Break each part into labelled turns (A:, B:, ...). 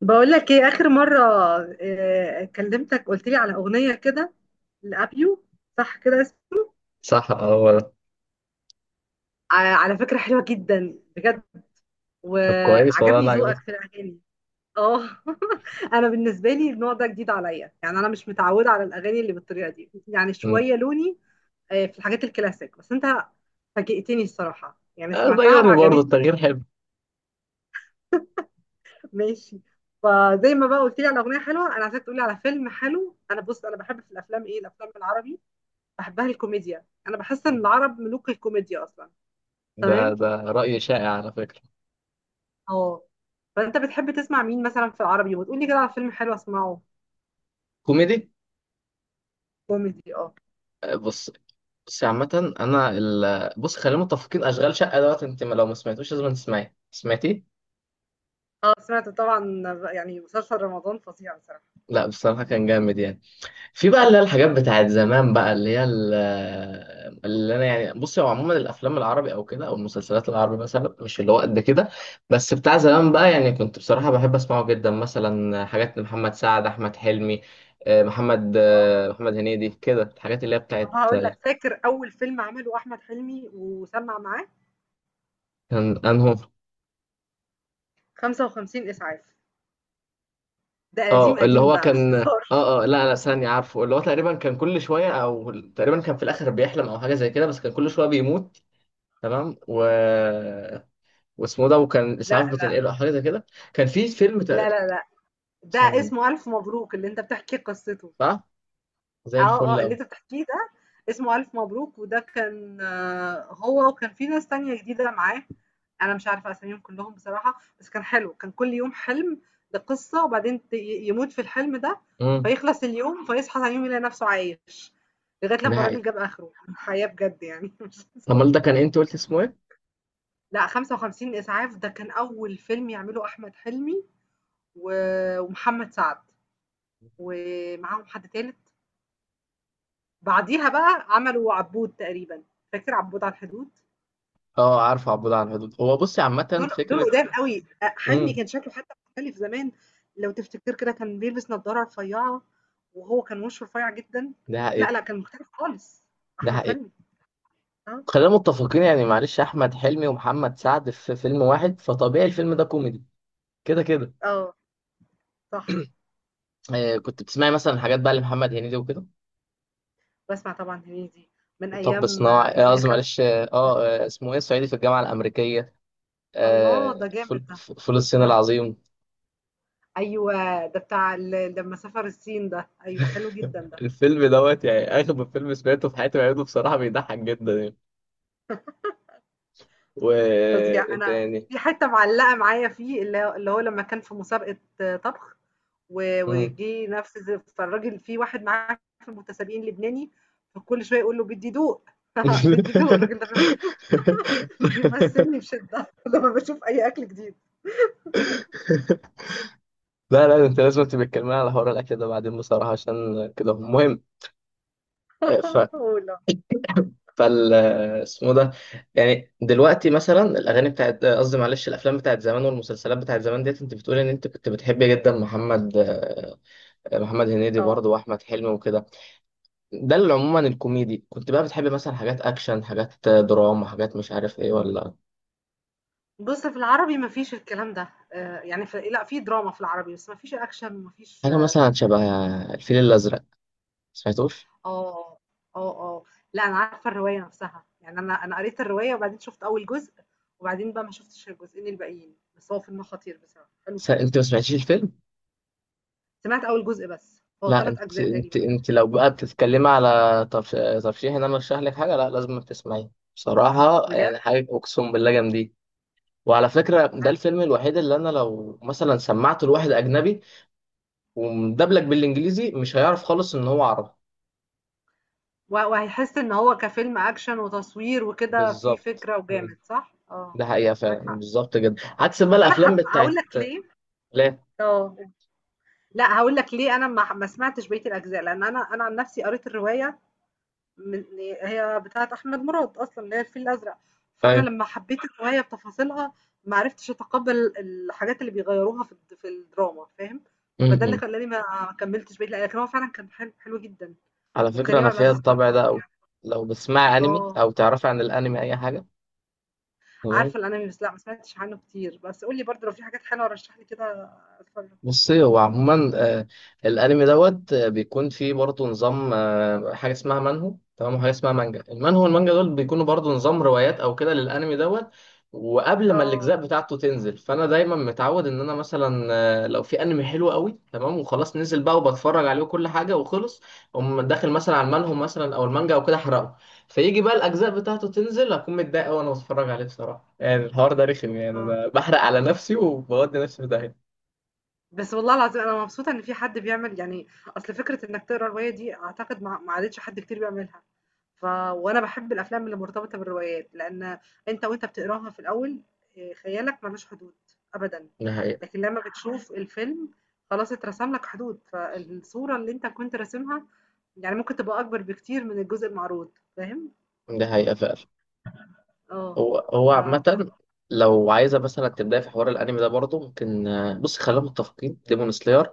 A: بقول لك ايه اخر مره. آه، كلمتك قلت لي على اغنيه كده، لابيو. صح كده اسمه.
B: صح، اه، هو ده.
A: على فكره حلوه جدا بجد،
B: طب كويس والله،
A: وعجبني
B: انا
A: ذوقك في
B: عجبتك.
A: الاغاني. اه انا بالنسبه لي النوع ده جديد عليا، يعني انا مش متعوده على الاغاني اللي بالطريقه دي، يعني
B: م.
A: شويه لوني. في الحاجات الكلاسيك، بس انت فاجئتني الصراحه، يعني
B: آه،
A: سمعتها
B: غيري برضه،
A: وعجبتني.
B: التغيير حلو.
A: ماشي. فزي ما بقى قلت لي على اغنيه حلوه، انا عايزاك تقولي على فيلم حلو. انا بص، انا بحب في الافلام ايه؟ الافلام العربي بحبها الكوميديا، انا بحس ان العرب ملوك الكوميديا اصلا.
B: ده
A: تمام.
B: ده رأي شائع على فكرة.
A: اه. فانت بتحب تسمع مين مثلا في العربي؟ وتقولي كده على فيلم حلو اسمعه.
B: كوميدي.
A: كوميدي اه.
B: آه، بص. بص عامة، انا بص خلينا متفقين اشغال شقة دوت. انت لو ما سمعتوش لازم تسمعيه. سمعتيه؟
A: اه، سمعت طبعا، يعني مسلسل رمضان فظيع بصراحه.
B: لا بصراحة كان جامد يعني. في بقى اللي هي الحاجات
A: اه،
B: بتاعت زمان بقى اللي هي اللي انا يعني، بصي، هو عموما الافلام العربي او كده، او المسلسلات العربي مثلا، مش اللي هو قد كده. بس بتاع زمان بقى، يعني كنت بصراحه بحب اسمعه جدا، مثلا حاجات لمحمد سعد، احمد حلمي، محمد
A: اه.
B: محمد هنيدي، كده الحاجات اللي هي
A: طب
B: بتاعت
A: هقول لك، فاكر اول فيلم عمله احمد حلمي وسمع معاه؟
B: كان انهم.
A: 55 اسعاف. ده
B: اه،
A: قديم
B: اللي
A: قديم
B: هو
A: بقى، مش
B: كان. اه،
A: هزار.
B: اه، لا، لا، ثانية، عارفه اللي هو تقريبا كان كل شوية، او تقريبا كان في الاخر بيحلم او حاجة زي كده، بس كان كل شوية بيموت، تمام، واسمه ده وكان
A: لا
B: اسعاف
A: لا.
B: بتنقله او حاجه زي كده. كان في فيلم
A: لا لا لا، ده
B: ثانيه
A: اسمه الف مبروك اللي انت بتحكي قصته.
B: صح. زي
A: آه،
B: الفل
A: آه، اللي
B: قوي.
A: أنت بتحكيه ده اسمه ألف مبروك، وده كان، هو وكان في ناس تانية جديدة معاه، أنا مش عارفة أساميهم كلّهم بصراحة، بس كان حلو، كان كل يوم حلم بقصة وبعدين ت ي يموت في الحلم ده،
B: امم.
A: فيخلص اليوم، فيصحى تاني يوم يلاقي نفسه عايش، لغاية
B: ده
A: لمّا
B: حقيقي.
A: الراجل جاب آخره، حياة بجد يعني مش
B: امال
A: هزار.
B: ده كان، انت قلت اسمه ايه؟
A: لأ، 55 إسعاف ده كان أول فيلم يعمله أحمد حلمي، و ومحمد سعد، ومعاهم حد تالت. بعديها بقى عملوا عبود تقريبًا، فاكر عبود على الحدود؟
B: اه، عارفه عبود على الحدود، هو بصي عامه
A: دول دول
B: فكره.
A: قدام أوي، حجمي
B: امم.
A: كان شكله حتى مختلف زمان، لو تفتكر كده كان بيلبس نضارة رفيعة، وهو كان وشه رفيع جدًا.
B: ده
A: لأ،
B: حقيقي.
A: لأ، كان مختلف خالص،
B: ده
A: أحمد
B: حقيقي.
A: حلمي. آه،
B: خلينا متفقين، يعني معلش، احمد حلمي ومحمد سعد في فيلم واحد، فطبيعي الفيلم ده كوميدي. كده كده.
A: آه، صح.
B: آه، كنت بتسمعي مثلا حاجات بقى لمحمد هنيدي وكده؟
A: باسمع طبعًا هنيدي من
B: طب
A: أيام
B: صناعي،
A: يانا يا
B: قصدي،
A: خالتي.
B: معلش، اه، اسمه ايه، صعيدي في الجامعه الامريكيه،
A: الله!
B: آه،
A: ده جامد
B: فول
A: ده.
B: فول الصين
A: آه،
B: العظيم.
A: أيوه، ده بتاع ال لمّا سافر الصين ده، أيوه، حلو جدًا ده.
B: الفيلم دوت يعني اغبى فيلم سمعته في حياتي، بعيده بصراحه، بيضحك جدا يعني. و
A: فظيع.
B: ايه
A: أنا
B: تاني؟
A: في حتّة معلّقة معايا فيه، اللي هو لمّا كان في مسابقة طبخ،
B: مم.
A: وجِه نفس فالراجل في واحد معاه في المتسابقين لبناني، فكل شوية يقول له: "بدّي دوق، بدّي دوق." الراجل ده بيمثّلني بشِدّة لمّا باشوف أي أكل جديد.
B: لا، لا، انت لازم تبقى تكلمني على حوار الاكل ده بعدين بصراحه، عشان كده مهم. ف
A: والله.
B: فال اسمه ده. يعني دلوقتي مثلا الاغاني بتاعت، قصدي معلش، الافلام بتاعت زمان والمسلسلات بتاعت زمان، ديت انت بتقول ان انت كنت بتحب جدا محمد هنيدي
A: آه.
B: برضه، واحمد حلمي وكده. ده اللي عموما الكوميدي كنت بقى بتحب، مثلا حاجات اكشن، حاجات دراما، حاجات مش عارف ايه ولا
A: بُص، في العربي ما فيش الكلام ده، يعني ف لأ، في دراما في العربي، بس ما فيش action وما فيش.
B: حاجه؟ مثلا شبه الفيل الازرق، سمعتوش؟
A: آه، آه، آه، لأ أنا عارفة الرواية نفْسها، يعني أنا قريت الرواية وبعدين شُفت أول جزء، وبعدين بقى ما شُفتش الجزئين الباقيين، بس هو فيلم خطير بصراحة، حلو جدًا.
B: انت ما سمعتيش الفيلم؟
A: سمعت أول جزء بس، هو
B: لا،
A: 3
B: انت
A: أجزاء
B: انت
A: تقريبًا.
B: انت لو بقى بتتكلمي على طرش- ترشيح، ان انا ارشح لك حاجه، لا لازم تسمعيه. بصراحه
A: بجد؟
B: يعني حاجه، اقسم بالله جامدين. وعلى فكره،
A: ه
B: ده الفيلم الوحيد اللي انا لو مثلا سمعته لواحد اجنبي ومدبلج بالانجليزي، مش هيعرف خالص ان هو عربي.
A: و وهيحس إن هو كفيلم أكشن وتصوير وكده فيه
B: بالظبط.
A: فكرة وجامد، صح؟ آه،
B: ده حقيقة فعلا،
A: معاك حق،
B: بالظبط جدا، عكس بقى
A: بس أنا
B: الأفلام
A: هاقول
B: بتاعت.
A: لك ليه.
B: لا.
A: آه، قُل. لأ هاقول لك ليه أنا ما سمعتش بقية الأجزاء، لأن أنا عن نفْسي قريت الرواية من، هي بتاعة أحمد مراد أصلًا، اللي هي الفيل الأزرق. فأنا
B: أيوة.
A: لمّا حبيت الرواية بتفاصيلها ما عرفتش أتقبّل الحاجات اللي بيغيّروها في الدراما، فاهم؟ فده اللي
B: م-م.
A: خلّاني ما كمّلتش بقية، لكن هو فعلًا كان حلو، حلو جدًا،
B: على فكرة
A: وكريم
B: أنا
A: عبد
B: فيها
A: العزيز كان
B: الطبع ده أوي.
A: فظيع.
B: لو بتسمعي أنمي
A: آه،
B: أو تعرفي عن الأنمي أي حاجة؟
A: عارفة الأنمي، بس لأ ما سمعتش عنه كتير، بس قُل لي برضه لو في حاجات حلوة رشّح لي كده أتفرّج.
B: بصي هو عموما، الانمي دوت، بيكون فيه برضه نظام، حاجه اسمها منهو، تمام، وحاجه اسمها مانجا. المانهو والمانجا دول بيكونوا برضه نظام روايات او كده للانمي دوت. وقبل ما
A: آه،
B: الاجزاء بتاعته تنزل، فانا دايما متعود ان انا مثلا، لو في انمي حلو قوي تمام وخلاص نزل بقى وبتفرج عليه وكل حاجه وخلص، اقوم داخل مثلا على المانهو مثلا او المانجا او كده، احرقه. فيجي بقى الاجزاء بتاعته تنزل، اكون متضايق أوي وانا بتفرج عليه بصراحه، يعني الحوار ده رخم، يعني
A: آه.
B: انا بحرق على نفسي وبودي نفسي في داهيه.
A: بس والله العظيم أنا مبسوطة إن في حد بيعمل يعني. أصل فكرة إنك تقرا رواية دي أعتقد ما عادتش حد كتير بيعملها. ف، وأنا باحب الأفلام اللي مرتبطة بالروايات، لأن أنت بتقراها في الأول، آه، خيالك ملوش حدود أبدا.
B: ده حقيقة.
A: لكن لما بتشوف الفيلم خلاص اترسم لك حدود، فالصورة اللي أنت كنت راسمها يعني ممكن تبقى أكبر بكتير من الجزء المعروض، فاهم؟
B: ده حقيقة فعلا.
A: اه.
B: هو هو
A: ف
B: عامة،
A: ف-
B: لو عايزة مثلا تبدأ في حوار الأنمي ده برضه ممكن، بص، خلينا متفقين، ديمون سلاير،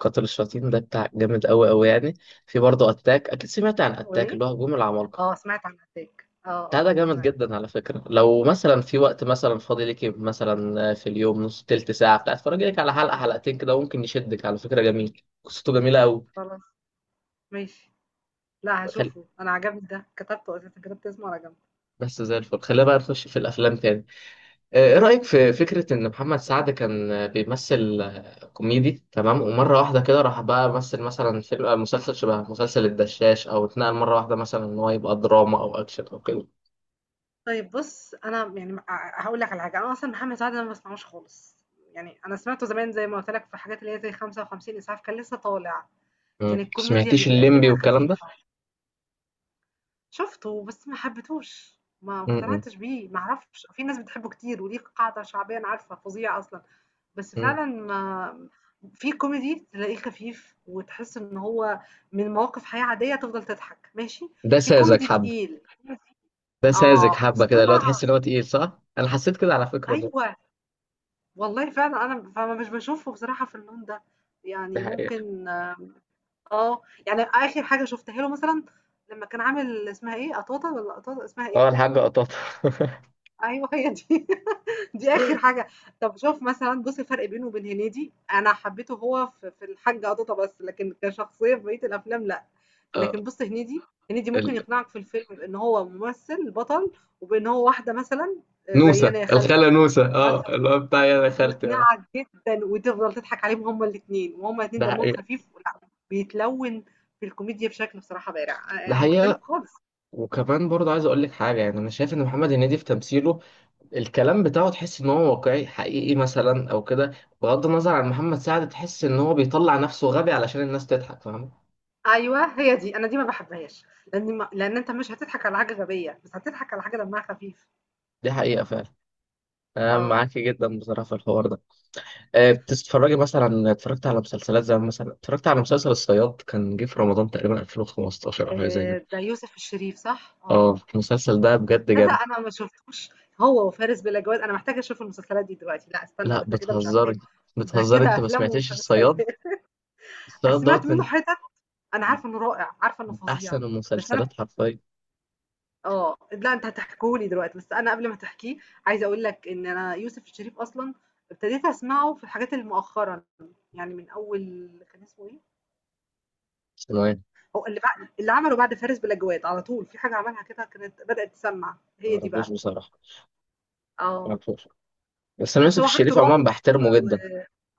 B: قاتل الشياطين ده بتاع جامد أوي أوي يعني. في برضه أتاك، أكيد سمعت عن
A: اسمه
B: أتاك،
A: إيه؟
B: اللي هو هجوم العمالقة.
A: اه سمعت عن أتاك، اه،
B: بتاع
A: اه
B: ده جامد
A: سمعت.
B: جدا على فكرة، لو مثلا
A: أيوة.
B: في وقت مثلا فاضي ليكي مثلا، في اليوم نص تلت ساعة، بتاع اتفرجي لك على حلقة حلقتين كده، ممكن يشدك على فكرة، جميل، قصته جميلة أوي.
A: خلاص. ماشي. لأ
B: خل...
A: هاشوفه، أنا عجبني ده، كتبته أساسًا، كتبت اسمه على جنب.
B: بس زي الفل، خلينا بقى نخش في الأفلام تاني. ايه رأيك في فكرة ان محمد سعد كان بيمثل كوميدي، تمام، ومرة واحدة كده راح بقى مثل مثلا فيلم، مسلسل شبه مسلسل الدشاش، او اتنقل مرة واحدة مثلا ان هو يبقى دراما او اكشن او كده؟
A: طيب بُص، أنا يعني هاقول لك على حاجة، أنا أصلًا محمد سعد أنا ما باسمعوش خالص، يعني أنا سمعته زمان زي ما قُلت لك في حاجات اللي هي زي 55 إسعاف، كان لسه طالع، كان
B: مم.
A: الكوميديا اللي
B: سمعتيش الليمبي
A: بيقدمها
B: والكلام ده؟
A: خفيفة. شُفته بس ما حبيتهوش، ما
B: مم.
A: اقتنعتش بيه، ما أعرفش، في ناس بتحبه كتير وليه قاعدة شعبية أنا عارفة، فظيع أصلًا، بس
B: مم.
A: فعلًا ما. في كوميدي تلاقيه خفيف وتحس إن هو من مواقف حياة عادية تفضل تضحك، ماشي.
B: ده
A: في
B: ساذج
A: كوميدي
B: حبة.
A: تقيل،
B: ده ساذج
A: آه،
B: حبة كده، لو
A: مصطنع.
B: تحس ان هو تقيل، صح، انا حسيت كده على فكرة بقى.
A: أيوه، والله فعلًا أنا فما مش باشوفه بصراحة في اللون ده،
B: دي
A: يعني
B: حقيقة.
A: ممكن. آه، يعني آخر حاجة شُفتها له مثلًا لمّا كان عامل اسمها إيه، قطاطة والّا قطاطة اسمها
B: اه،
A: إيه؟
B: الحاجة قطاطة.
A: أيوه هي دي، دي آخر حاجة. طب شوف مثلًا، بُص الفرق بينه وبين هنيدي، أنا حبيته هو في الحاج قطاطة بس، لكن كشخصية في بقية الأفلام لأ.
B: اه،
A: لكن بُص هنيدي، هنيدي ممكن
B: ال...
A: يقنعك في الفيلم بإن هو ممثل بطل، وبإن هو واحدة مثلًا آه، زي أنا
B: نوسة
A: يا خالتي
B: الخالة نوسة، اه
A: مثلًا.
B: اللي هو بتاع يا خالتي، اه.
A: ويقنعك جدًا وتفضل تضحك عليهم هُم الاتنين، وهُم الاتنين
B: ده
A: دمهم
B: حقيقة.
A: خفيف ولأ بيتلوّن في الكوميديا بشكل بصراحة بارع،
B: ده
A: يعني
B: حقيقة.
A: مختلف خالص.
B: وكمان برضه عايز اقول لك حاجه، يعني انا شايف ان محمد هنيدي في تمثيله، الكلام بتاعه تحس ان هو واقعي حقيقي مثلا او كده. بغض النظر عن محمد سعد، تحس ان هو بيطلع نفسه غبي علشان الناس تضحك، فاهم.
A: أيوه هي دي، أنا دي ما باحبهاش، لإن أنت مش هتضحك على حاجة غبية، بس هتضحك على حاجة دمها خفيف.
B: دي حقيقه فعلا. انا
A: آه،
B: معاكي جدا بصراحه في الحوار ده. أه، بتتفرجي مثلا؟ اتفرجت على مسلسلات زي، مثلا اتفرجت على مسلسل الصياد، كان جه في رمضان تقريبا 2015 او حاجه زي كده.
A: ده يوسف الشريف، صح؟
B: اه،
A: آه،
B: المسلسل ده بجد
A: تصدق
B: جامد.
A: أنا ما شفتوش هو وفارس بِلا جواد، أنا محتاجة أشوف المسلسلات دي دلوقتي. لأ استنى، ده
B: لا،
A: أنت كده مش
B: بتهزري.
A: أفلام، ده
B: بتهزري،
A: كده
B: انت ما
A: أفلام
B: سمعتيش
A: ومسلسلات.
B: الصياد؟
A: أنا
B: الصياد
A: سمعت
B: دوت
A: منه
B: من
A: حتت، أنا عارفة إنه رائع، عارفة إنه
B: من
A: فظيع،
B: احسن
A: بس أنا.
B: المسلسلات حرفيا.
A: آه، لأ أنت هتحكيه لي دلوقتي، بس أنا قبل ما تحكيه عايزة أقول لك إن أنا يوسف الشريف أصلًا ابتديت أسمعه في الحاجات اللي مؤخرًا، يعني من أول، كان اسمه إيه؟
B: ثانوية.
A: هو اللي عمله بعد فارس بلا جواد، على طول في حاجة عملها كده كانت بدأت تسمّع،
B: ما
A: هي دي
B: اعرفوش
A: بقى.
B: بصراحة. ما
A: آه،
B: اعرفوش. بس انا
A: بس
B: يوسف
A: هو حاجته
B: الشريف
A: رعب،
B: عموما
A: و
B: بحترمه
A: و
B: جدا.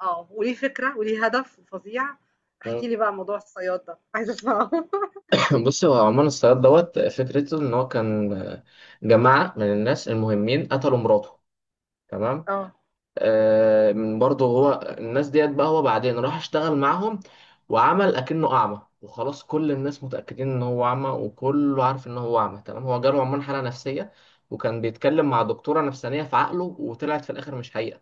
A: آه، وليه فكرة وليه هدف فظيع. احكِ
B: مم.
A: لي بقى موضوع الصياد ده، عايزة أسمعه.
B: بص، هو عموما الصياد دوت، فكرته ان هو كان، جماعة من الناس المهمين قتلوا مراته، تمام.
A: آه،
B: من برضه هو الناس ديت بقى، هو بعدين راح اشتغل معاهم، وعمل اكنه اعمى، وخلاص كل الناس متأكدين ان هو اعمى، وكله عارف ان هو اعمى، تمام. هو جاله عموما حالة نفسية، وكان بيتكلم مع دكتورة نفسانية في عقله، وطلعت في الاخر مش حقيقة،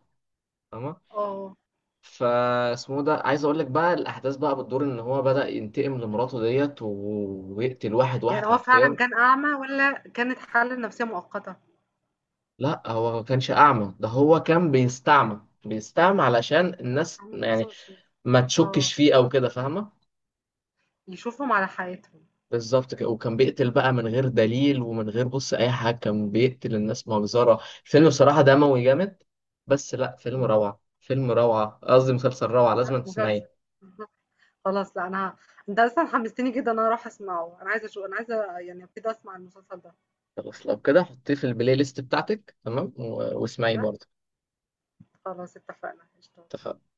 B: تمام.
A: آه،
B: فاسمه ده، عايز اقول لك بقى، الاحداث بقى بتدور ان هو بدأ ينتقم لمراته ديت ويقتل واحد واحد
A: يعني هو فعلًا
B: حرفيا.
A: كان أعمى والّا كانت حالة نفسية مؤقتة؟
B: لا، هو ما كانش اعمى، ده هو كان بيستعمى بيستعمى علشان الناس
A: عامل
B: يعني
A: نفسه مش شايف،
B: ما
A: آه.
B: تشكش فيه او كده، فاهمه؟
A: يشوفهم على حقيقتهم.
B: بالظبط كده، وكان بيقتل بقى من غير دليل ومن غير، بص، اي حاجه، كان بيقتل الناس مجزره. الفيلم بصراحه دموي جامد. بس لا، فيلم
A: إمم،
B: روعه فيلم روعه قصدي مسلسل روعه، لازم
A: مسلسل
B: تسمعيه.
A: بالضبط، خلاص لأ أنا. أنت أصلًا حمستني جدًا إن أنا أروح أسمعه، أنا عايزة يعني أبتدي أسمع المسلسل ده.
B: خلاص لو كده، حطيه في البلاي ليست بتاعتك، تمام، واسمعيه
A: أيوه،
B: برضه.
A: خلاص اتفقنا، قشطة.
B: اتفقنا